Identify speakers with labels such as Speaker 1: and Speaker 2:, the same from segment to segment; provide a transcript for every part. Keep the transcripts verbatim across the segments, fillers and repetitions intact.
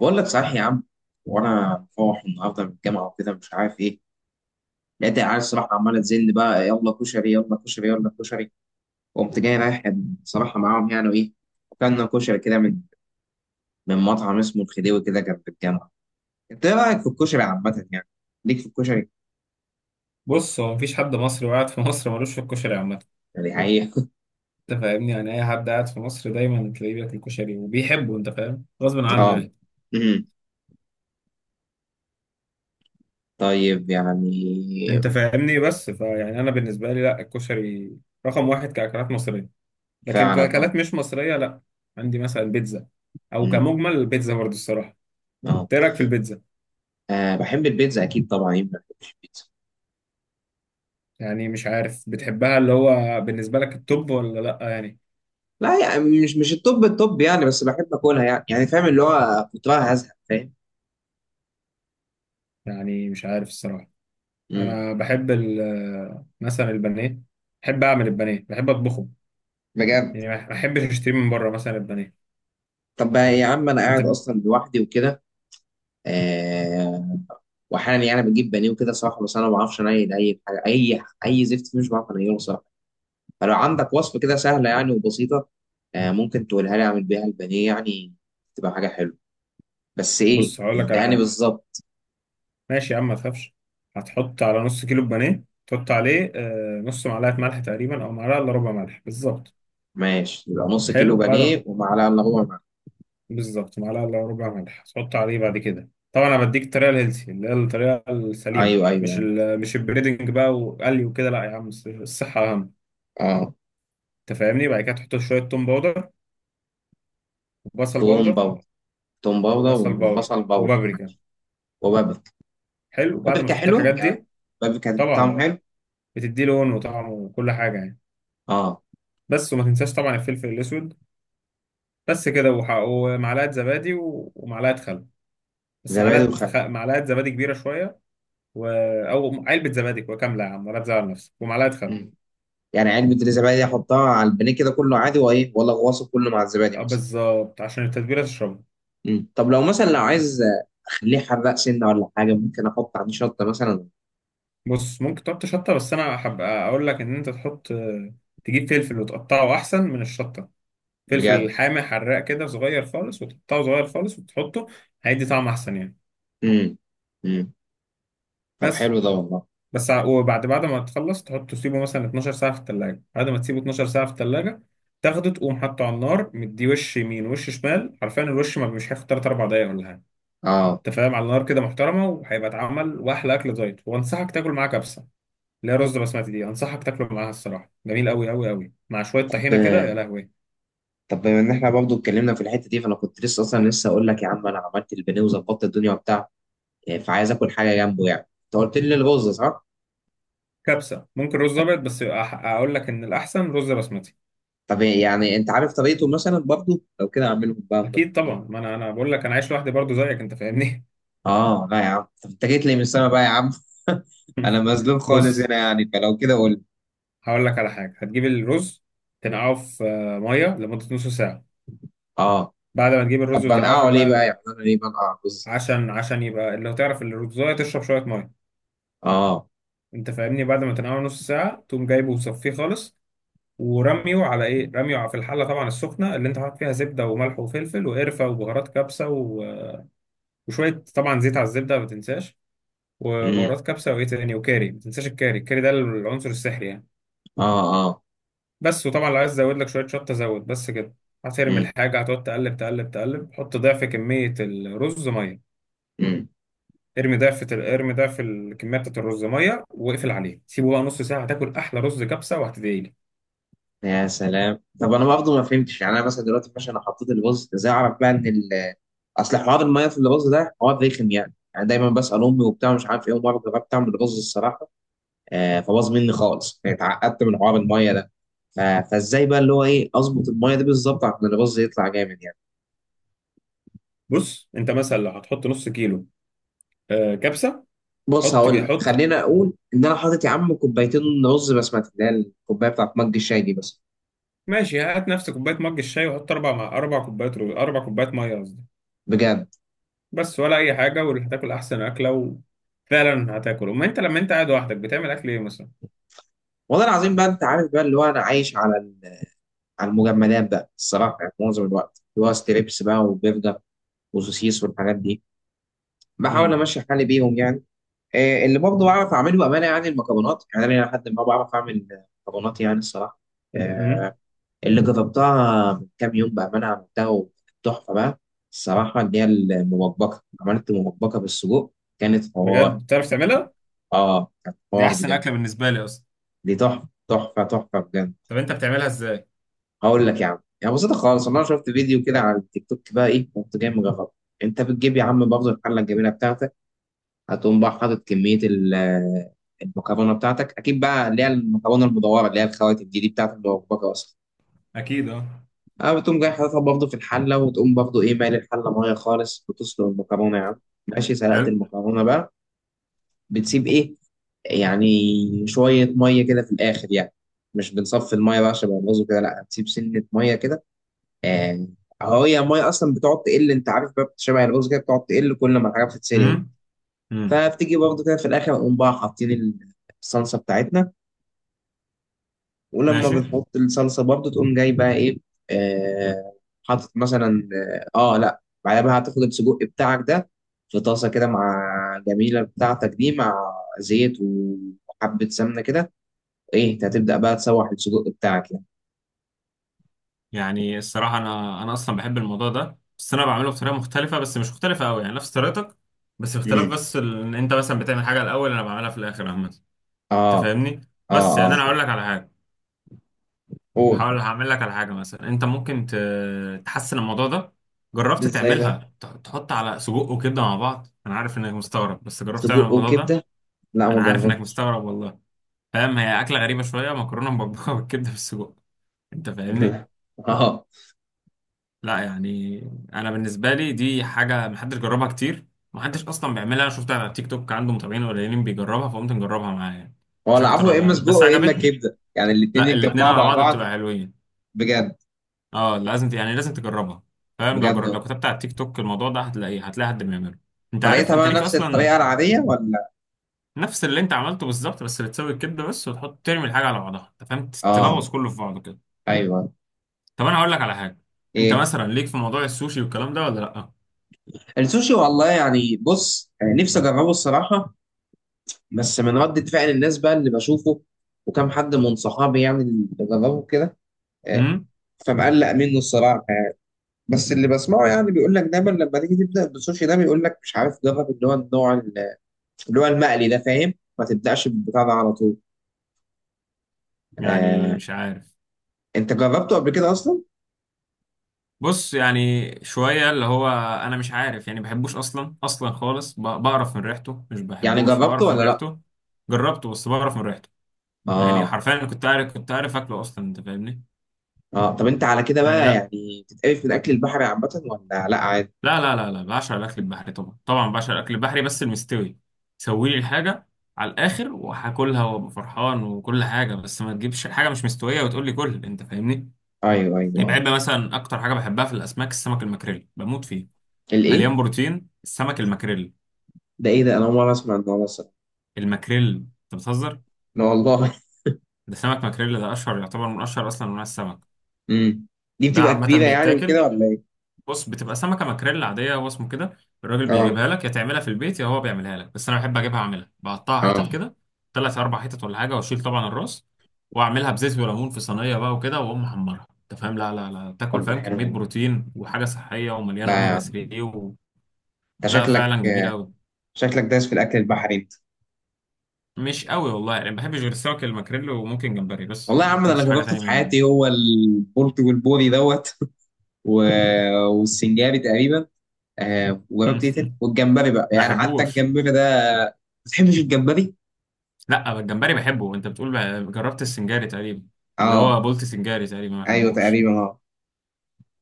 Speaker 1: بقول لك صحيح يا عم. وانا مفوح النهارده من الجامعه وكده مش عارف ايه. لقيت العيال الصراحه عماله تزن بقى، يلا كشري يلا كشري يلا كشري. وقمت جاي رايح صراحه معاهم يعني وايه. وكلنا كشري كده من من مطعم اسمه الخديوي كده جنب الجامعه. انت ايه رايك في الكشري عامه يعني؟ ليك في الكشري؟
Speaker 2: بص هو مفيش حد مصري وقاعد في مصر ملوش في الكشري عامة.
Speaker 1: يعني حقيقي.
Speaker 2: انت فاهمني؟ يعني اي حد قاعد في مصر دايما تلاقيه بياكل كشري وبيحبه، انت فاهم، غصب عنه
Speaker 1: اه.
Speaker 2: يعني.
Speaker 1: امم. طيب يعني.
Speaker 2: انت فاهمني، بس فيعني انا بالنسبة لي لا، الكشري رقم واحد كأكلات مصرية، لكن
Speaker 1: فعلا اه.
Speaker 2: كأكلات مش مصرية لا. عندي مثلا بيتزا، او
Speaker 1: امم.
Speaker 2: كمجمل البيتزا برضه الصراحة.
Speaker 1: اه.
Speaker 2: ايه رأيك في البيتزا؟
Speaker 1: آه، بحب البيتزا اكيد طبعا. مين ما بيحبش البيتزا؟
Speaker 2: يعني مش عارف بتحبها، اللي هو بالنسبة لك التوب ولا لا يعني؟
Speaker 1: لا يعني مش مش التوب. التوب يعني بس بحب اكلها يعني يعني فاهم اللي هو كنت بقى هزهق فاهم.
Speaker 2: يعني مش عارف الصراحة.
Speaker 1: امم.
Speaker 2: انا بحب ال- مثلا البانيه، بحب اعمل البانيه، بحب اطبخه
Speaker 1: بجد.
Speaker 2: يعني، ما ما احبش اشتري من بره مثلا البانيه.
Speaker 1: طب بقى يا عم انا
Speaker 2: انت؟
Speaker 1: قاعد اصلا لوحدي وكده. آه. واحيانا يعني بجيب بانيه وكده صراحه، بس انا ما بعرفش انيل اي حاجه، اي اي زفت فيه مش بعرف انيله صراحه. فلو عندك وصفه كده سهله يعني وبسيطه آه، ممكن تقولها لي اعمل بيها البانيه يعني. تبقى حاجه حلوه. بس ايه
Speaker 2: بص هقول لك على
Speaker 1: اداني
Speaker 2: حاجه،
Speaker 1: بالظبط.
Speaker 2: ماشي يا عم ما تخافش. هتحط على نص كيلو بانيه، تحط عليه آه، نص معلقه ملح تقريبا، او معلقه الا ربع ملح بالظبط.
Speaker 1: ماشي، يبقى نص كيلو
Speaker 2: حلو بعد
Speaker 1: بانيه
Speaker 2: ما-
Speaker 1: ومعلقه الا ربع معلقة.
Speaker 2: بالظبط معلقه الا ربع ملح. هتحط عليه بعد كده طبعا، انا بديك الطريقه الهيلثي اللي هي الطريقه السليمه،
Speaker 1: ايوه
Speaker 2: مش
Speaker 1: ايوه
Speaker 2: ال مش البريدنج بقى وقلي وكده، لا يا عم، الص- الصحه اهم.
Speaker 1: اه.
Speaker 2: انت فاهمني؟ بعد كده تحط شويه توم باودر، وبصل
Speaker 1: توم
Speaker 2: باودر
Speaker 1: باودر. توم باودر
Speaker 2: وبصل باودر
Speaker 1: وبصل باودر.
Speaker 2: وبابريكا.
Speaker 1: وبابل.
Speaker 2: حلو بعد ما
Speaker 1: بابل
Speaker 2: تحط
Speaker 1: حلوة
Speaker 2: الحاجات
Speaker 1: يعني.
Speaker 2: دي،
Speaker 1: بابل كان طعمه
Speaker 2: طبعا
Speaker 1: حلو.
Speaker 2: بتدي لون وطعم وكل حاجة يعني.
Speaker 1: اه.
Speaker 2: بس وما تنساش طبعا الفلفل الأسود. بس كده، وح- ومعلقة زبادي و- ومعلقة خل. بس
Speaker 1: زبادي
Speaker 2: معلقة
Speaker 1: وخل.
Speaker 2: خ... معلقة زبادي كبيرة شوية. و... أو علبة زبادي كاملة يا عم ولا تزعل نفسك، ومعلقة خل.
Speaker 1: مم. يعني علبة الزبادي دي أحطها على البانيه كده كله عادي وإيه، ولا أغوصه كله مع الزبادي
Speaker 2: آه،
Speaker 1: مثلا؟
Speaker 2: بالظبط، عشان التتبيلة تشربها.
Speaker 1: مم. طب لو مثلا لو عايز أخليه حراق سنة ولا حاجة، ممكن أحط عليه شطة مثلا؟
Speaker 2: بص ممكن تحط شطة، بس أنا أحب أقول لك إن أنت تحط، تجيب فلفل وتقطعه أحسن من الشطة. فلفل
Speaker 1: بجد.
Speaker 2: حامي حراق كده صغير خالص، وتقطعه صغير خالص وتحطه، هيدي طعم أحسن يعني.
Speaker 1: مم. مم. طب
Speaker 2: بس.
Speaker 1: حلو ده والله.
Speaker 2: بس ع- وبعد بعد ما تخلص تحطه، تسيبه مثلا اتناشر ساعة في التلاجة. بعد ما تسيبه اتناشر ساعة في التلاجة، تاخده تقوم حاطه على النار، مدي وش يمين وش شمال حرفيا، الوش ما مش هياخد ثلاث اربعة دقايق ولا حاجة.
Speaker 1: اه.
Speaker 2: انت فاهم؟ على النار كده محترمة وهيبقى اتعمل، واحلى اكل دايت، وانصحك تاكل معاه كبسة، اللي هي رز بسمتي دي، انصحك تاكله معاها، الصراحة جميل قوي قوي قوي، مع شوية طحينة
Speaker 1: طب
Speaker 2: كده، يا لهوي.
Speaker 1: طب بما ان احنا برضه اتكلمنا في الحته دي، فانا كنت لسه اصلا لسه اقول لك يا عم، انا عملت البانيه وظبطت الدنيا وبتاع. فعايز اكل حاجه جنبه يعني. انت قلت لي الرز صح؟
Speaker 2: كبسة، ممكن رز ابيض، بس أح- اقول لك ان الاحسن رز بسمتي.
Speaker 1: طب يعني انت عارف طريقته مثلا برضه؟ لو كده اعملهم بقى هم
Speaker 2: اكيد
Speaker 1: الاتنين.
Speaker 2: طبعا، ما انا انا بقول لك انا عايش لوحدي برضو زيك، انت فاهمني.
Speaker 1: اه لا يا عم، طب انت جيت لي من السما بقى يا عم. انا مظلوم خالص
Speaker 2: بص
Speaker 1: هنا يعني، فلو كده قول لي.
Speaker 2: هقول لك على حاجة. هتجيب الرز، تنقعه في آه، مية لمدة نص ساعة.
Speaker 1: اه.
Speaker 2: بعد ما تجيب
Speaker 1: طب
Speaker 2: الرز وتنقعه في
Speaker 1: بنقعه ليه بقى؟
Speaker 2: المية،
Speaker 1: يعني انا ليه بنقع رز؟
Speaker 2: عشان عشان يبقى اللي هتعرف ان الرزاية تشرب شوية مية،
Speaker 1: اه.
Speaker 2: انت فاهمني؟ بعد ما تنقعه نص ساعة، تقوم جايبه وصفيه خالص، ورميه على ايه رميه على- في الحلة طبعا السخنة، اللي انت حاطط فيها زبدة وملح وفلفل وقرفة وبهارات كبسة و... وشوية طبعا زيت على الزبدة، ما تنساش.
Speaker 1: امم.
Speaker 2: وبهارات كبسة، وايه تاني، وكاري، ما تنساش الكاري الكاري ده العنصر السحري يعني.
Speaker 1: اه. اه.
Speaker 2: بس. وطبعا لو عايز ازود لك شويه شطه زود، بس كده. هترمي
Speaker 1: امم.
Speaker 2: الحاجه، هتقعد تقلب تقلب تقلب، حط ضعف كميه الرز ميه.
Speaker 1: امم.
Speaker 2: ارمي ضعف ال- ارمي ضعف الكميه بتاعت الرز ميه، واقفل عليه، سيبه بقى نص ساعه، هتاكل احلى رز كبسه، وهتدعي لي.
Speaker 1: يا سلام. طب انا برضه ما فهمتش يعني. انا مثلا دلوقتي ماشي، انا حطيت الرز، ازاي اعرف بقى ان ال اصل حوار الميه في الرز ده حوار رخم يعني يعني دايما بسال امي وبتاع مش عارف ايه. ومره جربت اعمل رز الصراحه آه، فباظ مني خالص يعني. اتعقدت من حوار الميه ده. ف- فازاي بقى اللي هو ايه اظبط الميه دي بالظبط عشان الرز يطلع جامد يعني؟
Speaker 2: بص انت مثلا لو هتحط نص كيلو آه، كبسه.
Speaker 1: بص
Speaker 2: حط،
Speaker 1: هقول لك،
Speaker 2: حط.
Speaker 1: خلينا اقول ان انا حاطط يا عم كوبايتين رز بسمتي، اللي هي الكوبايه بتاعت مج الشاي دي بس.
Speaker 2: ماشي هات نفس كوبايه مج الشاي، وحط اربع، مع اربع كوبايات رز، اربع كوبايات ميه قصدي.
Speaker 1: بجد.
Speaker 2: بس، ولا اي حاجه، وهتاكل احسن اكله. وفعلا هتاكل. اما انت لما انت قاعد لوحدك بتعمل اكل ايه مثلا؟
Speaker 1: والله العظيم بقى انت عارف بقى اللي هو انا عايش على ال- على المجمدات بقى الصراحه، يعني معظم الوقت اللي هو ستريبس بقى وبرجر وسوسيس والحاجات دي. بحاول
Speaker 2: امم.
Speaker 1: امشي حالي بيهم يعني. آه، اللي برضه بعرف اعمله بامانه يعني المكرونات. يعني انا لحد ما بعرف اعمل مكرونات يعني الصراحه. آه،
Speaker 2: امم.
Speaker 1: اللي جربتها من كام يوم بأمانة عملتها وكانت تحفة بقى الصراحة، اللي هي المبكبكة. عملت مبكبكة بالسجق كانت
Speaker 2: بجد
Speaker 1: حوار.
Speaker 2: بتعرف تعملها؟
Speaker 1: اه، كانت
Speaker 2: دي
Speaker 1: حوار
Speaker 2: احسن
Speaker 1: بجد.
Speaker 2: اكله بالنسبه لي اصلا.
Speaker 1: دي تحفة تحفة تحفة بجد.
Speaker 2: طب انت بتعملها ازاي؟
Speaker 1: هقول لك يا عم، يعني بسيطة خالص. أنا شفت فيديو كده على التيك توك بقى إيه، كنت جاي مجرب. أنت بتجيب يا عم برضه الحلة الجميلة بتاعتك. هتقوم بقى حاطط كمية ال- المكرونة بتاعتك، أكيد بقى اللي هي المكرونة المدورة اللي هي الخواتم دي دي بتاعت المبكبكة أصلا.
Speaker 2: اكيد، اه.
Speaker 1: اه بتقوم جاي حاططها برضه في الحله. وتقوم برضه ايه، مالي الحله ميه خالص بتسلق المكرونه يا عم. ماشي سلقت
Speaker 2: حلو.
Speaker 1: المكرونه بقى. بتسيب ايه يعني، شويه ميه كده في الاخر يعني. مش بنصفي الميه بقى عشان يبوظوا كده، لا هتسيب سنه ميه كده آه. اهو هي الميه اصلا بتقعد تقل، انت عارف بقى شبه الرز كده، بتقعد تقل كل ما الحاجه بتتسلق.
Speaker 2: امم. امم.
Speaker 1: فبتيجي برضه كده في الاخر، نقوم بقى حاطين الصلصه بتاعتنا. ولما
Speaker 2: ماشي.
Speaker 1: بنحط الصلصه برضو تقوم جاي بقى ايه. آه. حاطط مثلا. اه آه، لا بعدها بقى هتاخد السجق بتاعك ده في طاسه كده، مع جميله بتاعتك دي، مع زيت وحبه سمنه كده. ايه، انت هتبدا بقى تسوح السجق بتاعك يعني.
Speaker 2: يعني الصراحه انا انا اصلا بحب الموضوع ده، بس انا بعمله بطريقه مختلفه، بس مش مختلفه قوي، يعني نفس طريقتك، بس اختلاف،
Speaker 1: امم.
Speaker 2: بس ال- ان انت مثلا بتعمل حاجه الاول انا بعملها في الاخر عامه. انت
Speaker 1: اه
Speaker 2: فاهمني؟ بس
Speaker 1: اه
Speaker 2: يعني
Speaker 1: اه.
Speaker 2: انا هقول لك على حاجه.
Speaker 1: قول.
Speaker 2: هحاول هعمل لك على حاجه، مثلا انت ممكن ت- تحسن الموضوع ده. جربت
Speaker 1: ازاي بقى؟
Speaker 2: تعملها، ت- تحط على سجق وكبده مع بعض؟ انا عارف انك مستغرب، بس جربت تعمل
Speaker 1: سجق
Speaker 2: الموضوع ده؟
Speaker 1: وكبده؟ لا، ما
Speaker 2: انا عارف انك
Speaker 1: جربت.
Speaker 2: مستغرب والله. فاهم، هي أكلة غريبة شوية، مكرونة مبكبكة بالكبدة بالسجق، أنت فاهمني؟
Speaker 1: اه.
Speaker 2: لا يعني، أنا بالنسبة لي دي حاجة محدش جربها كتير. محدش أصلا بيعملها. أنا شفتها على تيك توك، عنده متابعين قليلين بيجربها، فقمت نجربها معاه يعني.
Speaker 1: هو
Speaker 2: مش أكتر
Speaker 1: العفو، يا
Speaker 2: ولا
Speaker 1: اما
Speaker 2: أقل.
Speaker 1: سجق
Speaker 2: بس
Speaker 1: يا اما
Speaker 2: عجبتني.
Speaker 1: كبده يعني، الاتنين
Speaker 2: لا، الاتنين
Speaker 1: يتجمعوا
Speaker 2: على
Speaker 1: مع
Speaker 2: بعض
Speaker 1: بعض؟
Speaker 2: بتبقى حلوين.
Speaker 1: بجد.
Speaker 2: أه لازم ت- يعني لازم تجربها. فاهم؟ لو
Speaker 1: بجد
Speaker 2: جر... لو
Speaker 1: والله.
Speaker 2: كتبت على التيك توك الموضوع ده هتلاقيه، هتلاقي حد بيعمله. أنت عارف،
Speaker 1: طريقتها
Speaker 2: أنت
Speaker 1: بقى
Speaker 2: ليك
Speaker 1: نفس
Speaker 2: أصلا.
Speaker 1: الطريقه العاديه ولا؟
Speaker 2: نفس اللي أنت عملته بالظبط، بس بتسوي الكبدة بس، وتحط ترمي الحاجة على بعضها، أنت فاهم،
Speaker 1: اه.
Speaker 2: تلغوص كله في بعضه كده.
Speaker 1: ايوه.
Speaker 2: طب انا هقول لك على حاجه، انت
Speaker 1: ايه؟
Speaker 2: مثلا ليك في موضوع السوشي والكلام ده ولا لا؟
Speaker 1: السوشي؟ والله يعني بص آه، نفسي اجربه الصراحه. بس من ردة فعل الناس بقى اللي بشوفه وكم حد من صحابي يعني اللي جربه كده، آه،
Speaker 2: امم.
Speaker 1: فمقلق منه الصراحه. بس اللي بسمعه يعني بيقول لك دايما، لما تيجي تبدا بالسوشي ده بيقول لك مش عارف جرب اللي هو النوع ال- اللي هو المقلي ده فاهم، ما تبداش بالبتاع ده على طول.
Speaker 2: يعني
Speaker 1: آه.
Speaker 2: مش عارف.
Speaker 1: انت جربته قبل كده اصلا؟
Speaker 2: بص يعني شويه، اللي هو انا مش عارف يعني بحبوش اصلا، اصلا خالص، ب- بقرف من ريحته، مش
Speaker 1: يعني
Speaker 2: بحبوش،
Speaker 1: جربته
Speaker 2: بقرف من
Speaker 1: ولا لا؟
Speaker 2: ريحته. جربته، بس بقرف من ريحته. يعني
Speaker 1: اه.
Speaker 2: حرفيا أنا كنت عارف كنت عارف اكله اصلا، انت فاهمني؟
Speaker 1: اه. طب انت على كده
Speaker 2: يعني
Speaker 1: بقى
Speaker 2: لا.
Speaker 1: يعني بتتقرف من اكل البحر عامه ولا لا عادي؟
Speaker 2: لا، لا، لا، لا بعشق الاكل البحري طبعا، طبعا بعشق الاكل البحري، بس المستوي، سوي لي الحاجه على الاخر، وهاكلها وابقى فرحان وكل حاجه، بس ما تجيبش حاجه مش مستويه وتقول لي كل، انت فاهمني؟
Speaker 1: ايوه ايوه
Speaker 2: يبقى
Speaker 1: آه.
Speaker 2: يبقى مثلا اكتر حاجه بحبها في الاسماك، السمك المكريل، بموت فيه.
Speaker 1: الايه؟
Speaker 2: مليان بروتين السمك المكريل.
Speaker 1: ده ايه ده، انا اول مره اسمع النوع مثلا.
Speaker 2: المكريل، انت بتهزر؟
Speaker 1: لا والله.
Speaker 2: ده سمك مكريل، ده اشهر، يعتبر من اشهر اصلا انواع السمك.
Speaker 1: امم. دي
Speaker 2: ده
Speaker 1: بتبقى
Speaker 2: عامه
Speaker 1: كبيره يعني وكده
Speaker 2: بيتاكل.
Speaker 1: ولا ايه؟
Speaker 2: بص بتبقى سمكه مكريل عاديه، هو اسمه كده. الراجل
Speaker 1: اه.
Speaker 2: بيجيبها لك، يا تعملها في البيت يا هو بيعملها لك، بس انا بحب اجيبها اعملها، بقطعها حتت
Speaker 1: اه.
Speaker 2: كده، ثلاث اربع حتت ولا حاجه، واشيل طبعا الراس، واعملها بزيت وليمون في صينيه بقى وكده، واقوم محمرها. انت فاهم؟ لا لا لا، تاكل،
Speaker 1: طب ده
Speaker 2: فاهم،
Speaker 1: حلو
Speaker 2: كميه
Speaker 1: والله.
Speaker 2: بروتين وحاجه صحيه ومليانه
Speaker 1: لا يا
Speaker 2: اوميجا
Speaker 1: عم،
Speaker 2: ثلاثة و...
Speaker 1: انت
Speaker 2: لا
Speaker 1: شكلك
Speaker 2: فعلا جميله قوي.
Speaker 1: شكلك دايس في الاكل البحري انت.
Speaker 2: مش قوي والله يعني، ما بحبش غير السمك الماكريل، وممكن جمبري، بس
Speaker 1: والله
Speaker 2: ما
Speaker 1: يا عم، ده انا
Speaker 2: باكلوش حاجه
Speaker 1: جربته
Speaker 2: تانية
Speaker 1: في
Speaker 2: من.
Speaker 1: حياتي هو البلطي والبوري دوت. و... والسنجاري تقريبا. آه، وجربت ايه تاني والجمبري بقى
Speaker 2: ما
Speaker 1: يعني. حتى
Speaker 2: بحبوش.
Speaker 1: الجمبري ده، ما بتحبش الجمبري؟
Speaker 2: لا، الجمبري بحبه. انت بتقول بقى- جربت السنجاري تقريبا، اللي
Speaker 1: اه.
Speaker 2: هو بولت سنجاري تقريبا، ما
Speaker 1: ايوه
Speaker 2: بحبوش.
Speaker 1: تقريبا. اه.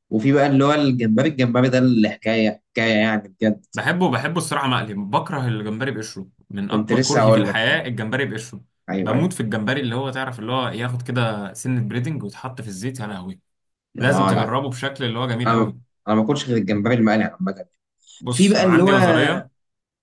Speaker 1: وفي بقى اللي هو الجمبري، الجمبري ده اللي حكايه حكايه يعني بجد.
Speaker 2: بحبه، بحبه الصراحه مقلي. بكره الجمبري بقشره، من
Speaker 1: كنت
Speaker 2: اكبر
Speaker 1: لسه
Speaker 2: كرهي في
Speaker 1: هقول لك. اه
Speaker 2: الحياه الجمبري بقشره.
Speaker 1: ايوه ايوه
Speaker 2: بموت في الجمبري اللي هو، تعرف اللي هو ياخد كده سنه بريدنج ويتحط في الزيت، يا لهوي. لازم
Speaker 1: اه. لا
Speaker 2: تجربه، بشكل اللي هو جميل
Speaker 1: انا ما-
Speaker 2: قوي.
Speaker 1: انا ما باكلش غير الجمبري المقلي عامه. في
Speaker 2: بص
Speaker 1: بقى
Speaker 2: انا
Speaker 1: اللي هو
Speaker 2: عندي نظريه،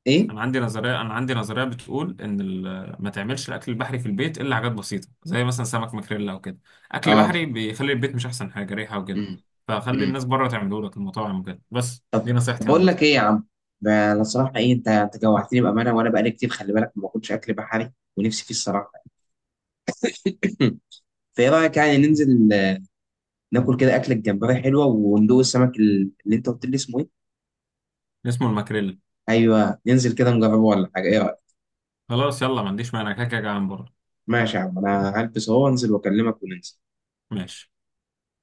Speaker 1: ايه.
Speaker 2: انا عندي نظريه انا عندي نظريه بتقول ان ال- ما تعملش الاكل البحري في البيت الا حاجات بسيطه زي مثلا سمك ماكريلا او كده. اكل
Speaker 1: اه.
Speaker 2: بحري بيخلي البيت مش احسن حاجه، ريحه وكده،
Speaker 1: امم.
Speaker 2: فخلي
Speaker 1: امم.
Speaker 2: الناس بره تعمله لك المطاعم وكده، بس دي
Speaker 1: طب طب
Speaker 2: نصيحتي
Speaker 1: بقول
Speaker 2: عامه.
Speaker 1: لك ايه يا عم، ده انا الصراحه ايه، انت انت جوعتني بامانه. وانا بقالي كتير خلي بالك ما باكلش اكل بحري ونفسي فيه الصراحه. فايه رايك يعني ننزل آه، ناكل كده اكله جمبري حلوه وندوق السمك ال- اللي انت قلت لي اسمه ايه.
Speaker 2: اسمه الماكريلا.
Speaker 1: ايوه، ننزل كده نجربه ولا حاجه، ايه رايك؟
Speaker 2: خلاص يلا، ما عنديش مانع، كده كده جعان بره.
Speaker 1: ماشي يا عم، انا هلبس اهو وانزل واكلمك وننزل.
Speaker 2: ماشي.